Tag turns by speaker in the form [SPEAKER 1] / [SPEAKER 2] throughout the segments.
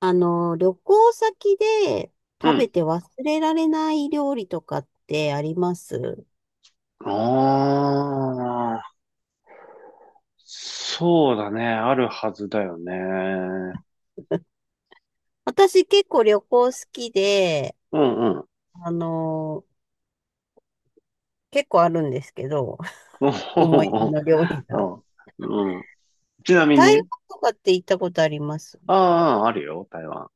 [SPEAKER 1] 旅行先で
[SPEAKER 2] う
[SPEAKER 1] 食べ
[SPEAKER 2] ん。
[SPEAKER 1] て忘れられない料理とかってあります？
[SPEAKER 2] ああ、そうだね。あるはずだよね。
[SPEAKER 1] 私結構旅行好きで、
[SPEAKER 2] うんうん。
[SPEAKER 1] あの、結構あるんですけど、
[SPEAKER 2] お ほ
[SPEAKER 1] 思い出
[SPEAKER 2] ほ
[SPEAKER 1] の料理が。
[SPEAKER 2] ほうんうん。ちなみ
[SPEAKER 1] 台湾
[SPEAKER 2] に、
[SPEAKER 1] とかって行ったことあります？
[SPEAKER 2] ああ、あるよ、台湾。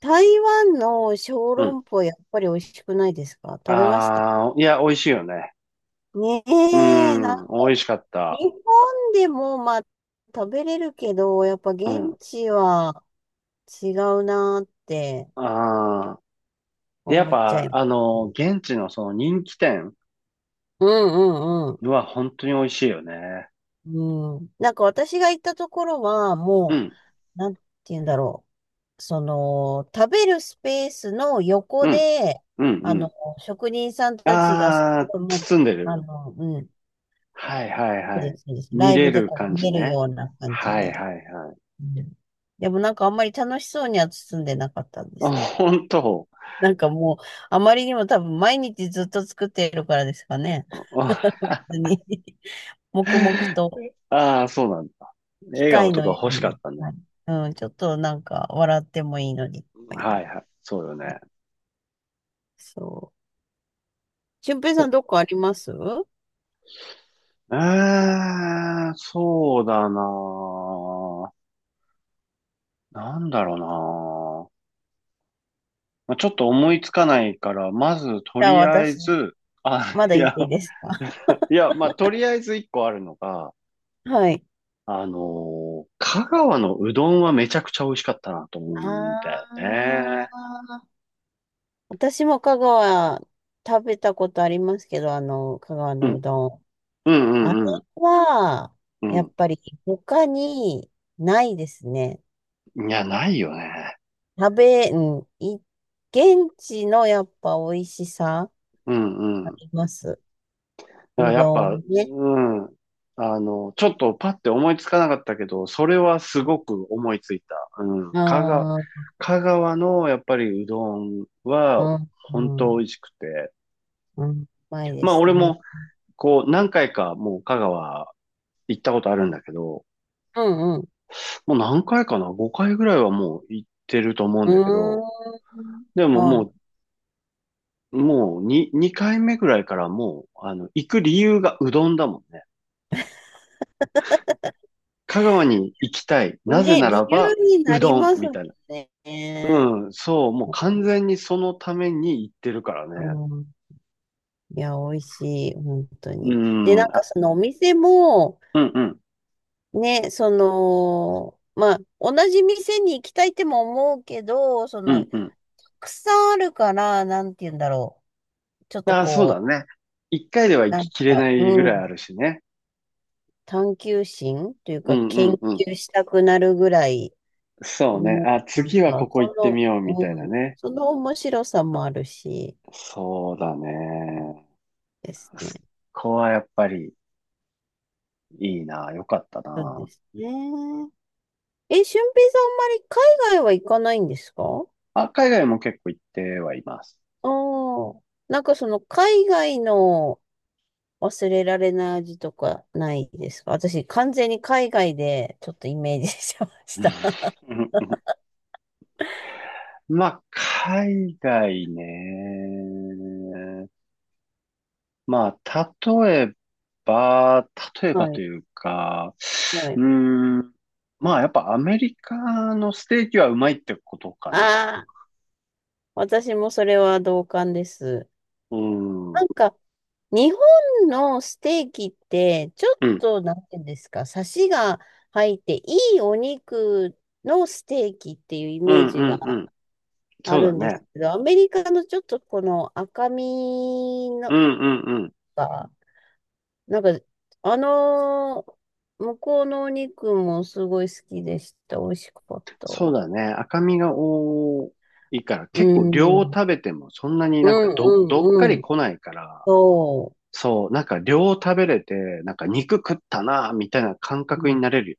[SPEAKER 1] 台湾の小
[SPEAKER 2] う
[SPEAKER 1] 籠
[SPEAKER 2] ん。
[SPEAKER 1] 包やっぱり美味しくないですか？食べました？
[SPEAKER 2] ああ、いや、美味しいよね。
[SPEAKER 1] ね
[SPEAKER 2] う
[SPEAKER 1] え、
[SPEAKER 2] ん、美味しかっ
[SPEAKER 1] 日
[SPEAKER 2] た。
[SPEAKER 1] 本でもまあ食べれるけど、やっぱ
[SPEAKER 2] う
[SPEAKER 1] 現
[SPEAKER 2] ん。
[SPEAKER 1] 地は違うなーって。
[SPEAKER 2] ああ。で、やっ
[SPEAKER 1] 思っちゃ
[SPEAKER 2] ぱ、
[SPEAKER 1] います。
[SPEAKER 2] 現地のその人気店
[SPEAKER 1] うんうんう
[SPEAKER 2] は本当に美味しいよね。
[SPEAKER 1] ん。うん。なんか私が行ったところは、
[SPEAKER 2] う
[SPEAKER 1] も
[SPEAKER 2] ん、
[SPEAKER 1] う、なんて言うんだろう。その、食べるスペースの横
[SPEAKER 2] うん、
[SPEAKER 1] で、
[SPEAKER 2] うん、う
[SPEAKER 1] あの、
[SPEAKER 2] ん。
[SPEAKER 1] 職人さんたちがす
[SPEAKER 2] ああ、
[SPEAKER 1] ごい、もう、
[SPEAKER 2] 包んでる。
[SPEAKER 1] うん、
[SPEAKER 2] はいはい
[SPEAKER 1] そう
[SPEAKER 2] は
[SPEAKER 1] で
[SPEAKER 2] い。
[SPEAKER 1] す、そうです。ラ
[SPEAKER 2] 見
[SPEAKER 1] イ
[SPEAKER 2] れ
[SPEAKER 1] ブで
[SPEAKER 2] る
[SPEAKER 1] こ
[SPEAKER 2] 感
[SPEAKER 1] う見
[SPEAKER 2] じ
[SPEAKER 1] える
[SPEAKER 2] ね。
[SPEAKER 1] ような感じ
[SPEAKER 2] はい
[SPEAKER 1] で。
[SPEAKER 2] はいはい。
[SPEAKER 1] うん、でもなんかあんまり楽しそうには包んでなかったんです
[SPEAKER 2] あ、
[SPEAKER 1] けど。
[SPEAKER 2] 本当。
[SPEAKER 1] なんかもう、あまりにも多分毎日ずっと作っているからですかね。
[SPEAKER 2] あ
[SPEAKER 1] 別に。黙々と。
[SPEAKER 2] あー、そうなんだ。
[SPEAKER 1] 機
[SPEAKER 2] 笑顔
[SPEAKER 1] 械
[SPEAKER 2] と
[SPEAKER 1] の
[SPEAKER 2] か
[SPEAKER 1] よ
[SPEAKER 2] 欲
[SPEAKER 1] う
[SPEAKER 2] しかっ
[SPEAKER 1] に
[SPEAKER 2] たね。
[SPEAKER 1] なる。はい、うん、ちょっとなんか笑ってもいいのに。こういな
[SPEAKER 2] は
[SPEAKER 1] ん
[SPEAKER 2] い
[SPEAKER 1] か、
[SPEAKER 2] はい。そうよ
[SPEAKER 1] ね、
[SPEAKER 2] ね。
[SPEAKER 1] そう。俊平さ
[SPEAKER 2] お
[SPEAKER 1] ん、どこあります？じ
[SPEAKER 2] えー、そうだなあ。なんだろうなあ。まあちょっと思いつかないから、まずと
[SPEAKER 1] ゃあ
[SPEAKER 2] りあえ
[SPEAKER 1] 私、
[SPEAKER 2] ず、
[SPEAKER 1] まだ
[SPEAKER 2] い
[SPEAKER 1] 言っ
[SPEAKER 2] や、
[SPEAKER 1] ていいですか？
[SPEAKER 2] いや、まあ、とりあえず一個あるのが、
[SPEAKER 1] はい。
[SPEAKER 2] 香川のうどんはめちゃくちゃ美味しかったなと思う
[SPEAKER 1] あ
[SPEAKER 2] んだよね。
[SPEAKER 1] あ、私も香川食べたことありますけど、香川
[SPEAKER 2] う
[SPEAKER 1] のう
[SPEAKER 2] ん、
[SPEAKER 1] どん。
[SPEAKER 2] うん、う
[SPEAKER 1] あれ
[SPEAKER 2] ん、うん、
[SPEAKER 1] は、やっぱり他にないですね。
[SPEAKER 2] うん。いや、ないよね。
[SPEAKER 1] うん、現地のやっぱ美味しさ
[SPEAKER 2] うん、
[SPEAKER 1] あ
[SPEAKER 2] うん。
[SPEAKER 1] ります。
[SPEAKER 2] だから
[SPEAKER 1] う
[SPEAKER 2] やっ
[SPEAKER 1] ど
[SPEAKER 2] ぱ、
[SPEAKER 1] んね。
[SPEAKER 2] うん。ちょっとパッて思いつかなかったけど、それはすごく思いついた。うん。
[SPEAKER 1] ああ、
[SPEAKER 2] 香川のやっぱりうどん
[SPEAKER 1] う
[SPEAKER 2] は
[SPEAKER 1] ん、
[SPEAKER 2] 本
[SPEAKER 1] う
[SPEAKER 2] 当美
[SPEAKER 1] ん、
[SPEAKER 2] 味しくて。
[SPEAKER 1] うん、まいで
[SPEAKER 2] まあ
[SPEAKER 1] す
[SPEAKER 2] 俺
[SPEAKER 1] ね。
[SPEAKER 2] もこう何回かもう香川行ったことあるんだけど、
[SPEAKER 1] うん、うん、
[SPEAKER 2] もう何回かな？ 5 回ぐらいはもう行ってると思うんだけど、
[SPEAKER 1] う
[SPEAKER 2] で
[SPEAKER 1] ー
[SPEAKER 2] も
[SPEAKER 1] ん、はい。
[SPEAKER 2] もう、もう2、2回目ぐらいからもう、行く理由がうどんだもんね。香川に行きたい。なぜ
[SPEAKER 1] ね、
[SPEAKER 2] なら
[SPEAKER 1] 理由
[SPEAKER 2] ば、
[SPEAKER 1] に
[SPEAKER 2] う
[SPEAKER 1] なり
[SPEAKER 2] どん、
[SPEAKER 1] ます
[SPEAKER 2] みたいな。
[SPEAKER 1] ね。
[SPEAKER 2] うん、そう、もう完全にそのために行ってるから
[SPEAKER 1] う
[SPEAKER 2] ね。
[SPEAKER 1] ん、いや、美味しい、本当
[SPEAKER 2] う
[SPEAKER 1] に。で、な
[SPEAKER 2] ん、
[SPEAKER 1] んか
[SPEAKER 2] あ、
[SPEAKER 1] そのお店も、
[SPEAKER 2] うんうん、
[SPEAKER 1] ね、その、まあ、同じ店に行きたいっても思うけど、そ
[SPEAKER 2] う
[SPEAKER 1] の、
[SPEAKER 2] ん
[SPEAKER 1] た
[SPEAKER 2] うん。
[SPEAKER 1] くさんあるから、なんて言うんだろう。ちょっと
[SPEAKER 2] あ、そう
[SPEAKER 1] こ
[SPEAKER 2] だ
[SPEAKER 1] う、
[SPEAKER 2] ね。1回では行
[SPEAKER 1] な
[SPEAKER 2] き
[SPEAKER 1] ん
[SPEAKER 2] きれ
[SPEAKER 1] か、
[SPEAKER 2] ないぐ
[SPEAKER 1] う
[SPEAKER 2] らい
[SPEAKER 1] ん、
[SPEAKER 2] あるしね。
[SPEAKER 1] 探求心という
[SPEAKER 2] う
[SPEAKER 1] か、
[SPEAKER 2] んう
[SPEAKER 1] 研
[SPEAKER 2] んうん。
[SPEAKER 1] 究したくなるぐらい、
[SPEAKER 2] そうね。
[SPEAKER 1] ね、
[SPEAKER 2] あ、
[SPEAKER 1] なん
[SPEAKER 2] 次は
[SPEAKER 1] か、
[SPEAKER 2] ここ行っ
[SPEAKER 1] そ
[SPEAKER 2] てみようみたい
[SPEAKER 1] の、う
[SPEAKER 2] な
[SPEAKER 1] ん、
[SPEAKER 2] ね。
[SPEAKER 1] その面白さもあるし、
[SPEAKER 2] そうだね。
[SPEAKER 1] です
[SPEAKER 2] そ
[SPEAKER 1] ね。
[SPEAKER 2] こはやっぱりいいな、良かった
[SPEAKER 1] そうで
[SPEAKER 2] な。
[SPEAKER 1] すね。え、俊平さん、あんまり海外は行かないんですか？
[SPEAKER 2] あ、海外も結構行ってはいます。
[SPEAKER 1] ああー、なんかその海外の忘れられない味とかないですか？私、完全に海外でちょっとイメージしてました。
[SPEAKER 2] うんまあ、海外ね。まあ、例えば、例えば
[SPEAKER 1] は
[SPEAKER 2] と
[SPEAKER 1] い、
[SPEAKER 2] いうか、
[SPEAKER 1] は
[SPEAKER 2] う
[SPEAKER 1] い。
[SPEAKER 2] ーん、まあ、やっぱアメリカのステーキはうまいってことかな。
[SPEAKER 1] ああ、私もそれは同感です。
[SPEAKER 2] うん、う
[SPEAKER 1] な
[SPEAKER 2] ん、
[SPEAKER 1] んか、日本のステーキって、ちょっ
[SPEAKER 2] うん、
[SPEAKER 1] と、なんていうんですか、サシが入って、いいお肉のステーキっていうイ
[SPEAKER 2] う
[SPEAKER 1] メー
[SPEAKER 2] ん、
[SPEAKER 1] ジが
[SPEAKER 2] うん。
[SPEAKER 1] あ
[SPEAKER 2] そう
[SPEAKER 1] る
[SPEAKER 2] だ
[SPEAKER 1] んです
[SPEAKER 2] ね。
[SPEAKER 1] けど、アメリカのちょっとこの赤身の
[SPEAKER 2] うん、うん、うん。
[SPEAKER 1] が、なんか、あのー向こうのお肉もすごい好きでした。美味しかった。
[SPEAKER 2] そうだね。赤身が多いから、
[SPEAKER 1] う
[SPEAKER 2] 結構
[SPEAKER 1] ん。
[SPEAKER 2] 量を
[SPEAKER 1] うん
[SPEAKER 2] 食べてもそんなになんか
[SPEAKER 1] う
[SPEAKER 2] どっか
[SPEAKER 1] んう
[SPEAKER 2] り
[SPEAKER 1] ん。
[SPEAKER 2] 来ないから、
[SPEAKER 1] そ
[SPEAKER 2] そう、なんか量を食べれて、なんか肉食ったな、みたいな感覚に
[SPEAKER 1] う。
[SPEAKER 2] なれるよ。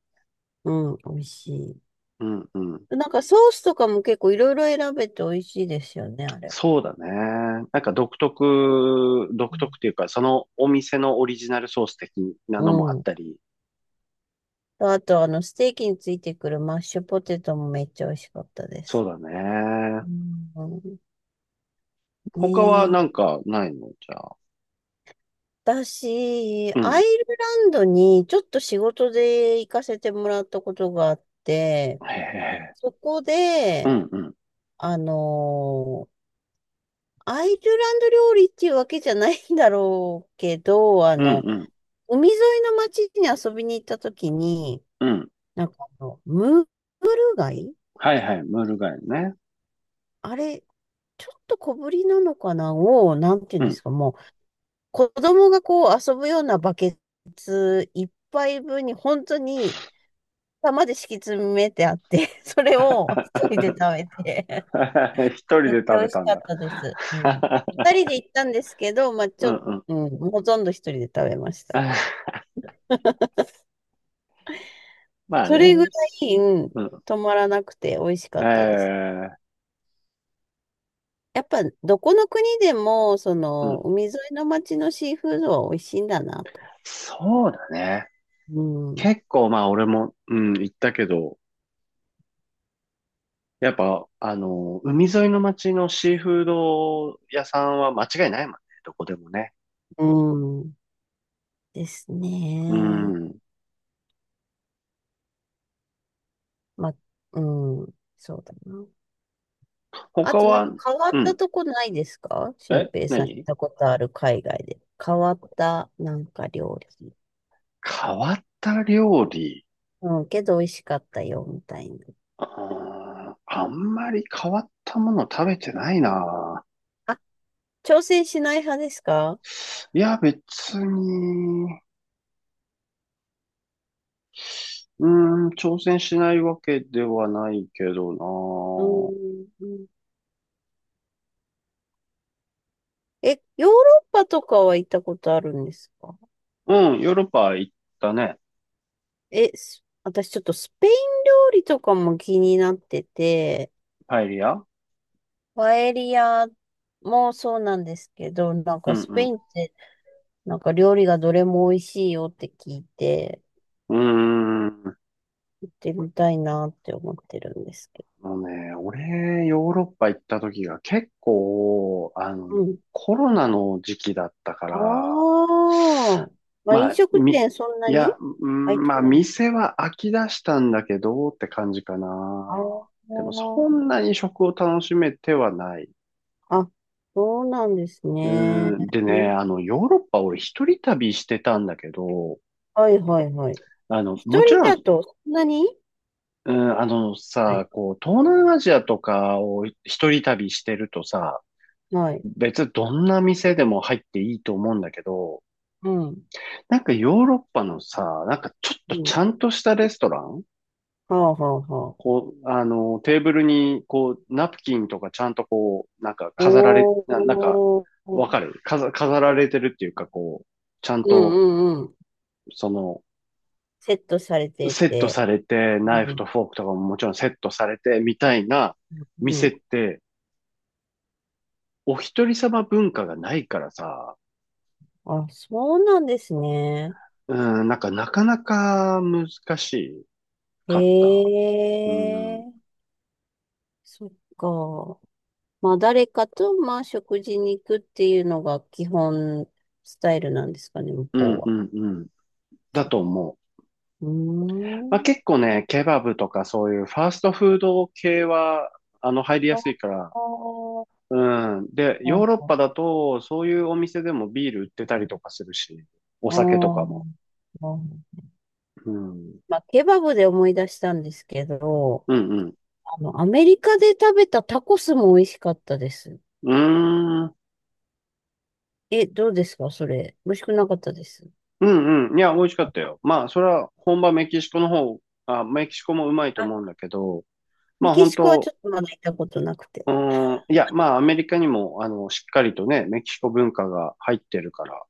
[SPEAKER 1] うん、うん、美味しい。
[SPEAKER 2] うんうん。
[SPEAKER 1] なんかソースとかも結構いろいろ選べて美味しいですよね、あれ。
[SPEAKER 2] そうだね。なんか独特っていう
[SPEAKER 1] う
[SPEAKER 2] か、そのお店のオリジナルソース的なのもあ
[SPEAKER 1] ん。
[SPEAKER 2] っ
[SPEAKER 1] うん、
[SPEAKER 2] たり。
[SPEAKER 1] あと、ステーキについてくるマッシュポテトもめっちゃ美味しかったで
[SPEAKER 2] そ
[SPEAKER 1] す。
[SPEAKER 2] うだね。
[SPEAKER 1] うん。ね
[SPEAKER 2] 他はな
[SPEAKER 1] え。
[SPEAKER 2] んかないのじゃあ。
[SPEAKER 1] 私、
[SPEAKER 2] う
[SPEAKER 1] ア
[SPEAKER 2] ん。
[SPEAKER 1] イルランドにちょっと仕事で行かせてもらったことがあって、
[SPEAKER 2] へえ。
[SPEAKER 1] そこ
[SPEAKER 2] う
[SPEAKER 1] で、
[SPEAKER 2] んうん。
[SPEAKER 1] あの、アイルランド料理っていうわけじゃないんだろうけど、
[SPEAKER 2] うんうん。
[SPEAKER 1] 海沿いの町に遊びに行った時に、
[SPEAKER 2] うん。
[SPEAKER 1] なんかムール貝
[SPEAKER 2] はいはい。ムール貝ね。
[SPEAKER 1] あれ、ちょっと小ぶりなのかなを、なんて言う
[SPEAKER 2] う
[SPEAKER 1] んで
[SPEAKER 2] ん
[SPEAKER 1] すか、もう、子供がこう遊ぶようなバケツ一杯分に本当に玉で敷き詰めてあって、それを一人で食べて、
[SPEAKER 2] 一人
[SPEAKER 1] めっ
[SPEAKER 2] で
[SPEAKER 1] ちゃ
[SPEAKER 2] 食
[SPEAKER 1] 美
[SPEAKER 2] べ
[SPEAKER 1] 味し
[SPEAKER 2] たん
[SPEAKER 1] かっ
[SPEAKER 2] だ。
[SPEAKER 1] たです。うん。二 人で行ったんですけど、まあ
[SPEAKER 2] う
[SPEAKER 1] ちょ
[SPEAKER 2] ん
[SPEAKER 1] っと、
[SPEAKER 2] うん。
[SPEAKER 1] うん、ほとんど一人で食べました。
[SPEAKER 2] まあ
[SPEAKER 1] それぐ
[SPEAKER 2] ね。
[SPEAKER 1] らい、うん、
[SPEAKER 2] うん。
[SPEAKER 1] 止まらなくて美味しかったです。
[SPEAKER 2] ええ
[SPEAKER 1] やっぱ、どこの国でも、そ
[SPEAKER 2] うん。
[SPEAKER 1] の、海沿いの町のシーフードは美味しいんだなと。
[SPEAKER 2] そうだね。
[SPEAKER 1] うん。
[SPEAKER 2] 結構まあ俺も、うん、行ったけど、やっぱ、海沿いの町のシーフード屋さんは間違いないもんね。どこでもね。
[SPEAKER 1] うん。です
[SPEAKER 2] う
[SPEAKER 1] ね。
[SPEAKER 2] ん。
[SPEAKER 1] まあ、うん。そうだな。あ
[SPEAKER 2] 他
[SPEAKER 1] と、なんか
[SPEAKER 2] は、
[SPEAKER 1] 変わっ
[SPEAKER 2] う
[SPEAKER 1] た
[SPEAKER 2] ん。
[SPEAKER 1] とこないですか？俊
[SPEAKER 2] え、
[SPEAKER 1] 平さん行っ
[SPEAKER 2] 何
[SPEAKER 1] たことある海外で。変わった、なんか料理。
[SPEAKER 2] 変わった料理。
[SPEAKER 1] うん、けど美味しかったよ、みたいな。
[SPEAKER 2] あんまり変わったもの食べてないな。
[SPEAKER 1] あ、挑戦しない派ですか？
[SPEAKER 2] いや、別に、うー挑戦しないわけではないけど
[SPEAKER 1] うん、え、ヨーロッパとかは行ったことあるんですか？
[SPEAKER 2] な。うん、ヨーロッパ行ったね。
[SPEAKER 1] え、私ちょっとスペイン料理とかも気になってて、
[SPEAKER 2] パエリア
[SPEAKER 1] パエリアもそうなんですけど、なん
[SPEAKER 2] う
[SPEAKER 1] かスペ
[SPEAKER 2] ん
[SPEAKER 1] インってなんか料理がどれも美味しいよって聞いて、
[SPEAKER 2] うん。うーん。
[SPEAKER 1] 行ってみたいなって思ってるんですけ
[SPEAKER 2] もうね、俺、ヨーロッパ行った時が結構、
[SPEAKER 1] ど。うん。
[SPEAKER 2] コロナの時期だったから、
[SPEAKER 1] ああ、まあ、飲
[SPEAKER 2] まあ、
[SPEAKER 1] 食店そん
[SPEAKER 2] い
[SPEAKER 1] なに
[SPEAKER 2] や、う
[SPEAKER 1] 開い
[SPEAKER 2] ん
[SPEAKER 1] てな
[SPEAKER 2] まあ、
[SPEAKER 1] いの？
[SPEAKER 2] 店は飽き出したんだけどって感じか
[SPEAKER 1] ああ
[SPEAKER 2] な。でも、そ
[SPEAKER 1] ー、
[SPEAKER 2] んなに食を楽しめてはない。
[SPEAKER 1] あ、そうなんです
[SPEAKER 2] う
[SPEAKER 1] ね。
[SPEAKER 2] でね、ヨーロッパ俺一人旅してたんだけど、
[SPEAKER 1] はいはいはい。一
[SPEAKER 2] もち
[SPEAKER 1] 人
[SPEAKER 2] ろ
[SPEAKER 1] だ
[SPEAKER 2] ん、
[SPEAKER 1] とそんなに、
[SPEAKER 2] うん、あの
[SPEAKER 1] はい。
[SPEAKER 2] さ、こう、東南アジアとかを一人旅してるとさ、
[SPEAKER 1] はい。
[SPEAKER 2] 別にどんな店でも入っていいと思うんだけど、
[SPEAKER 1] うん。
[SPEAKER 2] なんかヨーロッパのさ、なんかちょっ
[SPEAKER 1] う
[SPEAKER 2] とちゃ
[SPEAKER 1] ん、
[SPEAKER 2] んとしたレストラン
[SPEAKER 1] はあ、はあ、はあ。
[SPEAKER 2] こう、テーブルに、こう、ナプキンとかちゃんとこう、なんか
[SPEAKER 1] お
[SPEAKER 2] 飾られ、な、なんか、
[SPEAKER 1] ー、う
[SPEAKER 2] わかる飾られてるっていうか、こう、ちゃん
[SPEAKER 1] んう
[SPEAKER 2] と、
[SPEAKER 1] んうん。
[SPEAKER 2] その、
[SPEAKER 1] セットされて
[SPEAKER 2] セット
[SPEAKER 1] て。
[SPEAKER 2] されて、ナイフ
[SPEAKER 1] うん
[SPEAKER 2] とフォークとかももちろんセットされて、みたいな
[SPEAKER 1] うんう
[SPEAKER 2] 店っ
[SPEAKER 1] ん。
[SPEAKER 2] て、お一人様文化がないからさ、
[SPEAKER 1] あ、そうなんですね。
[SPEAKER 2] うん、なんかなかなか難し
[SPEAKER 1] へ
[SPEAKER 2] かった。うん、うん、
[SPEAKER 1] え、そっか。まあ、誰かと、まあ、食事に行くっていうのが基本スタイルなんですかね、向
[SPEAKER 2] う
[SPEAKER 1] こう
[SPEAKER 2] ん、う
[SPEAKER 1] は。
[SPEAKER 2] ん。だ
[SPEAKER 1] そ
[SPEAKER 2] と思う。
[SPEAKER 1] う。う
[SPEAKER 2] ま
[SPEAKER 1] ー
[SPEAKER 2] あ、
[SPEAKER 1] ん。
[SPEAKER 2] 結構ね、ケバブとかそういうファーストフード系は、入りや
[SPEAKER 1] あ
[SPEAKER 2] すいから、
[SPEAKER 1] あ、
[SPEAKER 2] うん。で、ヨーロッ
[SPEAKER 1] あ
[SPEAKER 2] パだと、そういうお店でもビール売ってたりとかするし、お
[SPEAKER 1] あ、
[SPEAKER 2] 酒とか
[SPEAKER 1] あ
[SPEAKER 2] も。
[SPEAKER 1] あ。
[SPEAKER 2] うん。
[SPEAKER 1] まあ、ケバブで思い出したんですけど、
[SPEAKER 2] うんうん。
[SPEAKER 1] アメリカで食べたタコスも美味しかったです。
[SPEAKER 2] うーん。
[SPEAKER 1] え、どうですかそれ。美味しくなかったです？
[SPEAKER 2] うんうん。いや、美味しかったよ。まあ、それは本場メキシコの方、メキシコもうまいと
[SPEAKER 1] あ、
[SPEAKER 2] 思うんだけど、ま
[SPEAKER 1] メ
[SPEAKER 2] あ
[SPEAKER 1] キ
[SPEAKER 2] 本
[SPEAKER 1] シコはち
[SPEAKER 2] 当、
[SPEAKER 1] ょっとまだ行ったことなくて。
[SPEAKER 2] いや、まあアメリカにも、しっかりとね、メキシコ文化が入ってるから。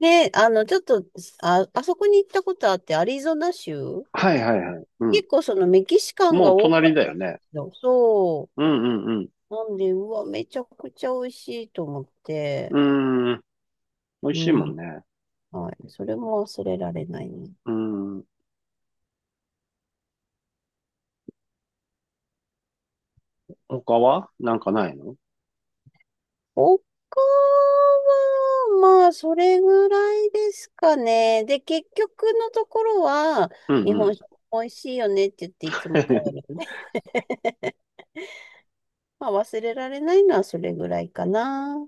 [SPEAKER 1] で、ちょっと、あ、あそこに行ったことあって、アリゾナ州
[SPEAKER 2] はいはいはい。うん。
[SPEAKER 1] 結構そのメキシカン
[SPEAKER 2] も
[SPEAKER 1] が
[SPEAKER 2] う
[SPEAKER 1] 多か
[SPEAKER 2] 隣
[SPEAKER 1] っ
[SPEAKER 2] だ
[SPEAKER 1] た
[SPEAKER 2] よ
[SPEAKER 1] んで
[SPEAKER 2] ね。
[SPEAKER 1] すよ。そ
[SPEAKER 2] うんうん
[SPEAKER 1] う。なんで、うわ、めちゃくちゃ美味しいと思っ
[SPEAKER 2] う
[SPEAKER 1] て。
[SPEAKER 2] ん。美味
[SPEAKER 1] う
[SPEAKER 2] しいもん
[SPEAKER 1] ん。
[SPEAKER 2] ね。
[SPEAKER 1] はい。それも忘れられないね。
[SPEAKER 2] うーん。他はなんかないの？
[SPEAKER 1] 他は、まあ、それぐらいですかね。で、結局のところは、
[SPEAKER 2] うん
[SPEAKER 1] 日
[SPEAKER 2] うん。
[SPEAKER 1] 本酒美味しいよねって言っていつも帰 るね。まあ、忘れられないのはそれぐらいかな。